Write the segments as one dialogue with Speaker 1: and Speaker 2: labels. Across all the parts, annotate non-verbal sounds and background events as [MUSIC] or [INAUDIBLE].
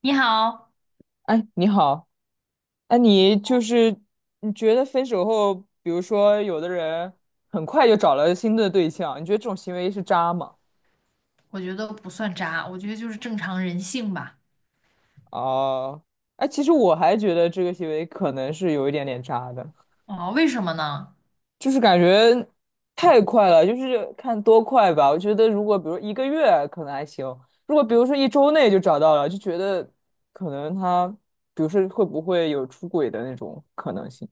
Speaker 1: 你好，
Speaker 2: 哎，你好。哎，你就是你觉得分手后，比如说有的人很快就找了新的对象，你觉得这种行为是渣吗？
Speaker 1: 我觉得不算渣，我觉得就是正常人性吧。
Speaker 2: 哦，哎，其实我还觉得这个行为可能是有一点点渣的，
Speaker 1: 哦，为什么呢？
Speaker 2: 就是感觉太快了，就是看多快吧。我觉得如果比如一个月可能还行，如果比如说一周内就找到了，就觉得可能他，比如说会不会有出轨的那种可能性。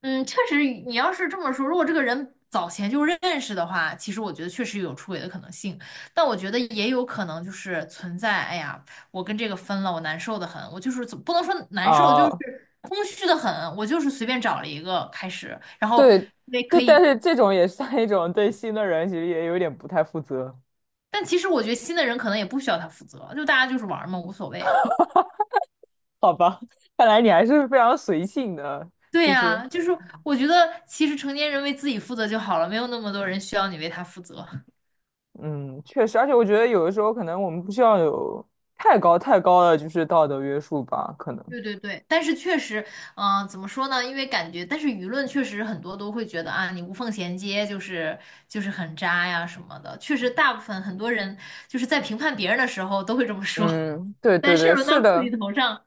Speaker 1: 嗯，确实，你要是这么说，如果这个人早前就认识的话，其实我觉得确实有出轨的可能性，但我觉得也有可能就是存在，哎呀，我跟这个分了，我难受的很，我就是怎不能说难受，就
Speaker 2: 啊？
Speaker 1: 是空虚的很，我就是随便找了一个开始，然后
Speaker 2: 对
Speaker 1: 也
Speaker 2: 对，
Speaker 1: 可
Speaker 2: 但
Speaker 1: 以。
Speaker 2: 是这种也算一种对新的人，其实也有点不太负责。
Speaker 1: 但其实我觉得新的人可能也不需要他负责，就大家就是玩儿嘛，无所谓。
Speaker 2: 好吧？[LAUGHS] 看来你还是非常随性的，
Speaker 1: 对
Speaker 2: 就是
Speaker 1: 呀，就是我觉得其实成年人为自己负责就好了，没有那么多人需要你为他负责。
Speaker 2: 嗯，确实，而且我觉得有的时候可能我们不需要有太高的就是道德约束吧，可能。
Speaker 1: 对对对，但是确实，嗯、怎么说呢？因为感觉，但是舆论确实很多都会觉得啊，你无缝衔接就是很渣呀什么的。确实，大部分很多人就是在评判别人的时候都会这么说。
Speaker 2: 嗯，对
Speaker 1: [LAUGHS]
Speaker 2: 对
Speaker 1: 但是
Speaker 2: 对，
Speaker 1: 轮
Speaker 2: 是
Speaker 1: 到自己
Speaker 2: 的。
Speaker 1: 头上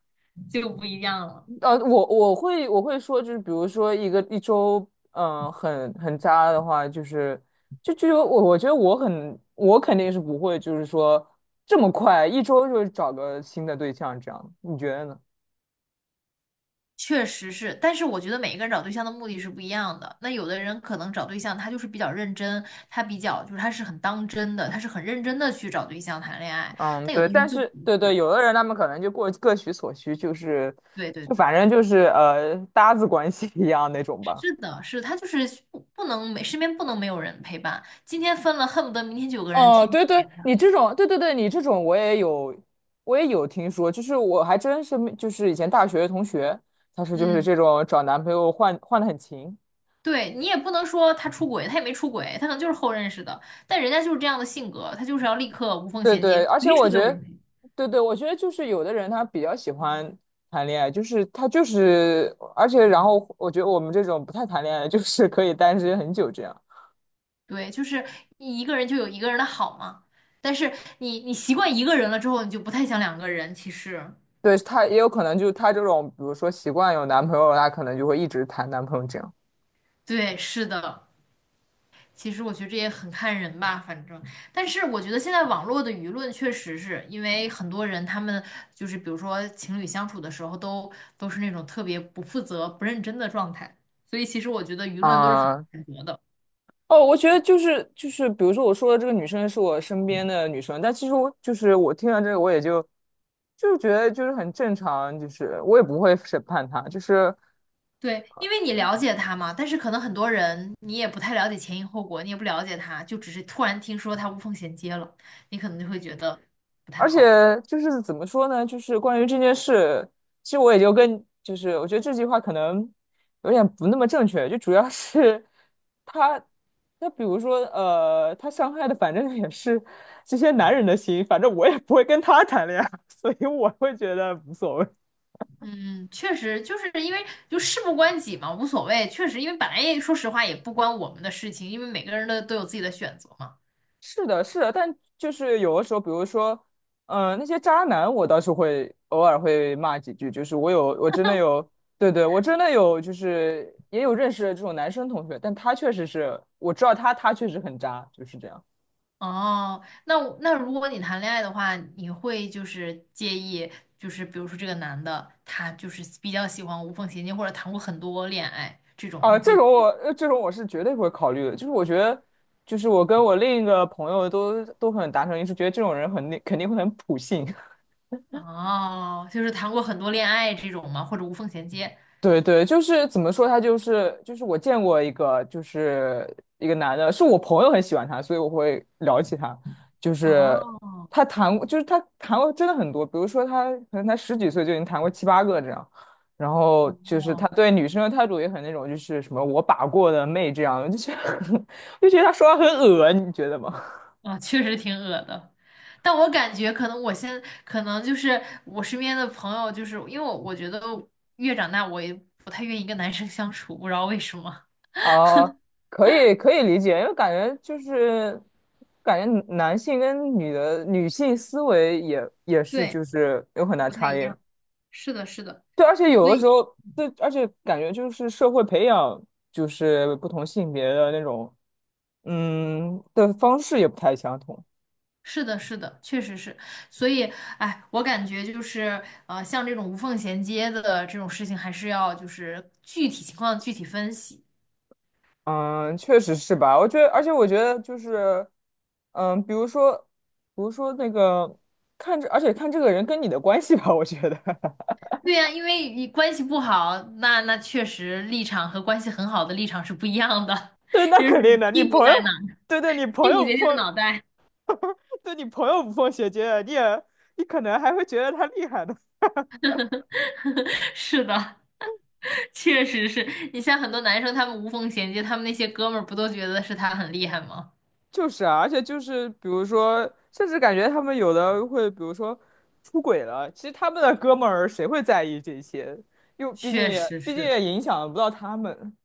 Speaker 1: 就不一样了。
Speaker 2: 我会说，就是比如说一个一周，很渣的话，就是就就有我觉得我肯定是不会，就是说这么快一周就找个新的对象这样，你觉得呢？
Speaker 1: 确实是，但是我觉得每一个人找对象的目的是不一样的。那有的人可能找对象，他就是比较认真，他比较就是他是很当真的，他是很认真的去找对象谈恋爱。
Speaker 2: 嗯，
Speaker 1: 但有
Speaker 2: 对，
Speaker 1: 的人
Speaker 2: 但
Speaker 1: 就不
Speaker 2: 是对对，
Speaker 1: 是。
Speaker 2: 有的人他们可能就过各取所需，就是
Speaker 1: 对对
Speaker 2: 就
Speaker 1: 对，
Speaker 2: 反正就是搭子关系一样那种吧。
Speaker 1: 是的，是他就是不能没身边不能没有人陪伴。今天分了，恨不得明天就有个人
Speaker 2: 哦，
Speaker 1: 天
Speaker 2: 对
Speaker 1: 天陪
Speaker 2: 对，
Speaker 1: 他。
Speaker 2: 你这种，对对对，你这种我也有，我也有听说，就是我还真是没，就是以前大学的同学，他是就是
Speaker 1: 嗯，
Speaker 2: 这种找男朋友换换的很勤。
Speaker 1: 对，你也不能说他出轨，他也没出轨，他可能就是后认识的，但人家就是这样的性格，他就是要立刻无缝
Speaker 2: 对
Speaker 1: 衔
Speaker 2: 对，
Speaker 1: 接，
Speaker 2: 而且
Speaker 1: 随
Speaker 2: 我
Speaker 1: 时都
Speaker 2: 觉
Speaker 1: 有人
Speaker 2: 得，
Speaker 1: 陪。
Speaker 2: 对对，我觉得就是有的人他比较喜欢谈恋爱，就是他就是，而且然后我觉得我们这种不太谈恋爱就是可以单身很久这样。
Speaker 1: 对，就是一个人就有一个人的好嘛。但是你习惯一个人了之后，你就不太想两个人。其实，
Speaker 2: 对，他也有可能就他这种，比如说习惯有男朋友，他可能就会一直谈男朋友这样。
Speaker 1: 对，是的。其实我觉得这也很看人吧，反正。但是我觉得现在网络的舆论确实是因为很多人他们就是比如说情侣相处的时候都是那种特别不负责、不认真的状态，所以其实我觉得舆论都是很
Speaker 2: 啊、
Speaker 1: 谴责的。
Speaker 2: 哦，我觉得就是，比如说我说的这个女生是我身边的女生，但其实我就是我听到这个，我也就就是觉得就是很正常，就是我也不会审判她，就是
Speaker 1: 对，因为你了解他嘛，但是可能很多人你也不太了解前因后果，你也不了解他，就只是突然听说他无缝衔接了，你可能就会觉得不太
Speaker 2: 而且
Speaker 1: 好。
Speaker 2: 就是怎么说呢，就是关于这件事，其实我也就跟就是我觉得这句话可能有点不那么正确，就主要是她她比如说她伤害的反正也是这些男人的心，反正我也不会跟他谈恋爱，所以我会觉得无所谓。
Speaker 1: 嗯，确实就是因为就事不关己嘛，无所谓。确实，因为本来也说实话也不关我们的事情，因为每个人的都有自己的选择嘛。
Speaker 2: 是的，是的，但就是有的时候，比如说，那些渣男，我倒是会偶尔会骂几句，就是我有，我真的有，对对，我真的有，就是也有认识的这种男生同学，但他确实是，我知道他，他确实很渣，就是这样。
Speaker 1: 哦，那我那如果你谈恋爱的话，你会就是介意，就是比如说这个男的他就是比较喜欢无缝衔接，或者谈过很多恋爱这种，你
Speaker 2: 这
Speaker 1: 会
Speaker 2: 种我，这种我是绝对不会考虑的，就是我觉得，就是我跟我另一个朋友都很达成一致，觉得这种人很肯定会很普信。
Speaker 1: 哦，就是谈过很多恋爱这种嘛，或者无缝衔接？
Speaker 2: 对对，就是怎么说，他就是我见过一个，就是一个男的，是我朋友很喜欢他，所以我会聊起他。就是
Speaker 1: 哦
Speaker 2: 他谈过，就是他谈过真的很多，比如说他可能才十几岁就已经谈过七八个这样，然后就是他
Speaker 1: 哦
Speaker 2: 对女生的态度也很那种，就是什么我把过的妹这样，就是 [LAUGHS] 就觉得他说话很恶，你觉得吗？
Speaker 1: 哦，确实挺恶的，但我感觉可能我现可能就是我身边的朋友，就是因为我觉得越长大，我也不太愿意跟男生相处，不知道为什么。
Speaker 2: 哦，可以可以理解，因为感觉就是感觉男性跟女的女性思维也是
Speaker 1: 对，
Speaker 2: 就是有很大
Speaker 1: 不太
Speaker 2: 差
Speaker 1: 一
Speaker 2: 异。
Speaker 1: 样。是的，是的，
Speaker 2: 对，而且有
Speaker 1: 所
Speaker 2: 的时
Speaker 1: 以
Speaker 2: 候，对，而且感觉就是社会培养就是不同性别的那种的方式也不太相同。
Speaker 1: 是的，是的，确实是，所以，哎，我感觉就是，像这种无缝衔接的这种事情，还是要就是具体情况具体分析。
Speaker 2: 嗯，确实是吧？我觉得，而且我觉得就是，嗯，比如说，比如说那个看着，而且看这个人跟你的关系吧，我觉得。
Speaker 1: 对呀，因为你关系不好，那那确实立场和关系很好的立场是不一样的，
Speaker 2: 对，
Speaker 1: [LAUGHS]
Speaker 2: 那
Speaker 1: 就是
Speaker 2: 肯
Speaker 1: 你
Speaker 2: 定的。你
Speaker 1: 屁股
Speaker 2: 朋
Speaker 1: 在
Speaker 2: 友，
Speaker 1: 哪儿，
Speaker 2: 对对，你
Speaker 1: 屁
Speaker 2: 朋
Speaker 1: 股
Speaker 2: 友
Speaker 1: 决
Speaker 2: 不
Speaker 1: 定
Speaker 2: 缝，
Speaker 1: 脑袋。
Speaker 2: 对你朋友无缝衔接，你也，你可能还会觉得他厉害的。
Speaker 1: [LAUGHS] 是的，确实是你像很多男生，他们无缝衔接，他们那些哥们儿不都觉得是他很厉害吗？
Speaker 2: 就是啊，而且就是，比如说，甚至感觉他们有的会，比如说出轨了，其实他们的哥们儿谁会在意这些？又毕竟
Speaker 1: 确
Speaker 2: 也，
Speaker 1: 实
Speaker 2: 毕竟
Speaker 1: 是，
Speaker 2: 也影响不到他们。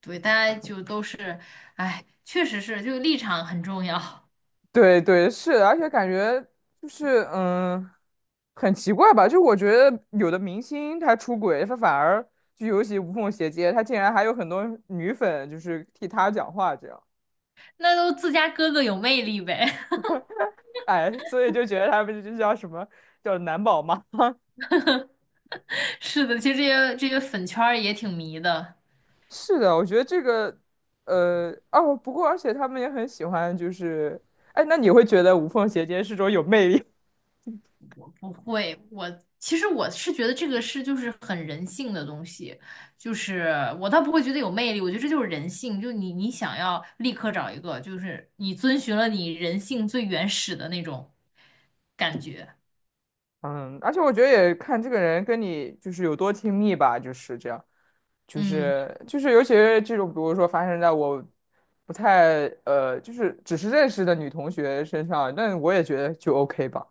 Speaker 1: 对，大家就都是，哎，确实是，就立场很重要，
Speaker 2: 对对，是的，而且感觉就是嗯，很奇怪吧？就我觉得有的明星他出轨，他反而就尤其无缝衔接，他竟然还有很多女粉就是替他讲话这样。
Speaker 1: 那都自家哥哥有魅力呗。
Speaker 2: 哎，[LAUGHS] 所以就觉得他们就叫什么叫男宝妈。
Speaker 1: [LAUGHS] 是的，其实这些粉圈儿也挺迷的。
Speaker 2: [LAUGHS] 是的，我觉得这个哦，不过而且他们也很喜欢，就是哎，那你会觉得无缝衔接是种有魅力？[LAUGHS]
Speaker 1: 我不会，我其实是觉得这个是就是很人性的东西，就是我倒不会觉得有魅力，我觉得这就是人性，就你想要立刻找一个，就是你遵循了你人性最原始的那种感觉，
Speaker 2: 嗯，而且我觉得也看这个人跟你就是有多亲密吧，就是这样。就
Speaker 1: 嗯。
Speaker 2: 是就是，尤其是这种，比如说发生在我不太就是只是认识的女同学身上，那我也觉得就 OK 吧。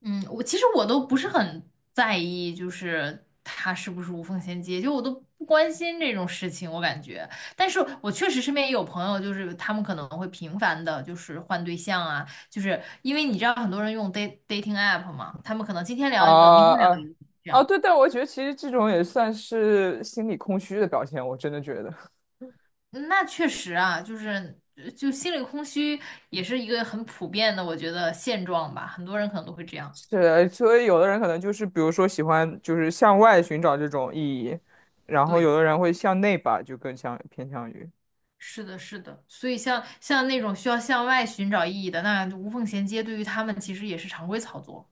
Speaker 1: 嗯，我其实都不是很在意，就是他是不是无缝衔接，就我都不关心这种事情，我感觉。但是我确实身边也有朋友，就是他们可能会频繁的，就是换对象啊，就是因为你知道很多人用 dating app 嘛，他们可能今天聊一个，明
Speaker 2: 啊
Speaker 1: 天聊一
Speaker 2: 啊
Speaker 1: 个，
Speaker 2: 啊！对，但我觉得其实这种也算是心理空虚的表现，我真的觉得
Speaker 1: 那确实啊，就是就心里空虚也是一个很普遍的，我觉得现状吧，很多人可能都会这样。
Speaker 2: 是。所以有的人可能就是，比如说喜欢就是向外寻找这种意义，然后有
Speaker 1: 对。
Speaker 2: 的人会向内吧，就更像偏向于。
Speaker 1: 是的，是的，所以像那种需要向外寻找意义的，那无缝衔接对于他们其实也是常规操作。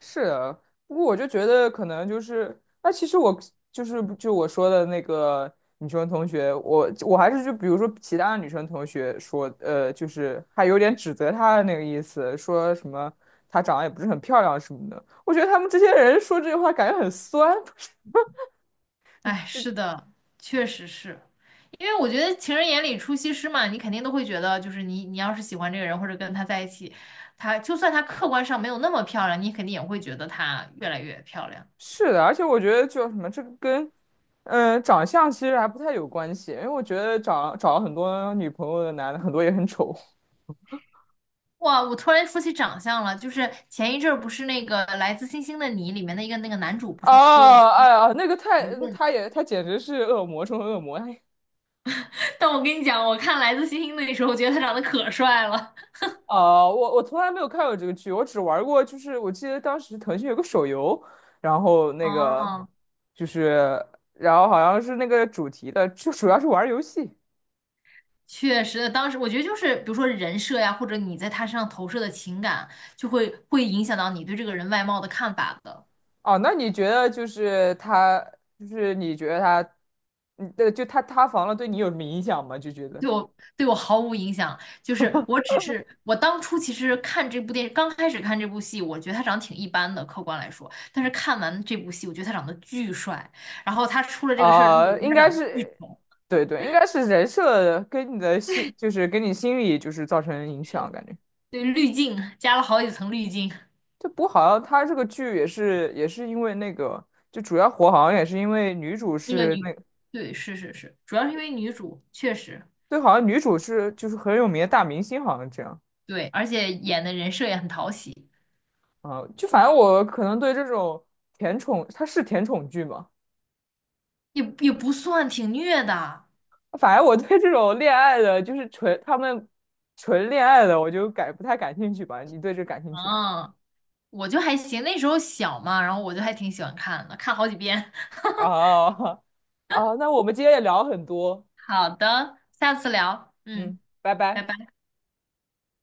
Speaker 2: 是啊，不过我就觉得可能就是，那其实我就是就我说的那个女生同学，我还是就比如说其他女生同学说，就是还有点指责她的那个意思，说什么她长得也不是很漂亮什么的。我觉得他们这些人说这句话感觉很酸。[LAUGHS]
Speaker 1: 哎，是的，确实是，因为我觉得情人眼里出西施嘛，你肯定都会觉得，就是你要是喜欢这个人或者跟他在一起，他就算他客观上没有那么漂亮，你肯定也会觉得他越来越漂亮。
Speaker 2: 是的，而且我觉得就什么这个跟，长相其实还不太有关系，因为我觉得找了很多女朋友的男的很多也很丑。
Speaker 1: 哇，我突然说起长相了，就是前一阵儿不是那个《来自星星的你》里面的一个那个男主不是出了
Speaker 2: 啊，哎呀，那个太，
Speaker 1: 舆论，
Speaker 2: 他也，他简直是恶魔中的恶魔。哎，
Speaker 1: [LAUGHS] 但我跟你讲，我看《来自星星的你》的时候，我觉得他长得可帅了。
Speaker 2: 啊，我我从来没有看过这个剧，我只玩过，就是我记得当时腾讯有个手游，然后那个
Speaker 1: 哦，
Speaker 2: 就是，然后好像是那个主题的，就主要是玩游戏。
Speaker 1: 确实，当时我觉得就是，比如说人设呀，或者你在他身上投射的情感，就会影响到你对这个人外貌的看法的。
Speaker 2: 哦，那你觉得就是他，就是你觉得他，嗯，对，就他塌房了，对你有什么影响吗？就觉得，
Speaker 1: 对我，对我毫无影响，就是我只是我当初其实看这部电影，刚开始看这部戏，我觉得他长得挺一般的，客观来说，但是看完这部戏，我觉得他长得巨帅，然后他出了这个事儿之后，我
Speaker 2: 啊，
Speaker 1: 觉得
Speaker 2: 应
Speaker 1: 他
Speaker 2: 该
Speaker 1: 长得巨
Speaker 2: 是，
Speaker 1: 丑，
Speaker 2: 对对，应该是人设跟你的心，就是跟你心理就是造成影响，
Speaker 1: 是
Speaker 2: 感觉。
Speaker 1: 对滤镜加了好几层滤镜，
Speaker 2: 这不好像他这个剧也是也是因为那个，就主要火好像也是因为女主
Speaker 1: 那个
Speaker 2: 是
Speaker 1: 女，
Speaker 2: 那
Speaker 1: 对，是是是，主要是因为女主确实。
Speaker 2: 对，好像女主是就是很有名的大明星，好像这样
Speaker 1: 对，而且演的人设也很讨喜，
Speaker 2: 啊。就反正我可能对这种甜宠，它是甜宠剧嘛，
Speaker 1: 也不算挺虐的。
Speaker 2: 反正我对这种恋爱的，就是纯他们纯恋爱的，我就感不太感兴趣吧。你对这感兴趣吗？
Speaker 1: 嗯，我就还行，那时候小嘛，然后我就还挺喜欢看的，看好几遍。
Speaker 2: [LAUGHS] 啊啊，那我们今天也聊了很多。
Speaker 1: [LAUGHS] 好的，下次聊。
Speaker 2: 嗯，
Speaker 1: 嗯，
Speaker 2: 拜
Speaker 1: 拜
Speaker 2: 拜。
Speaker 1: 拜。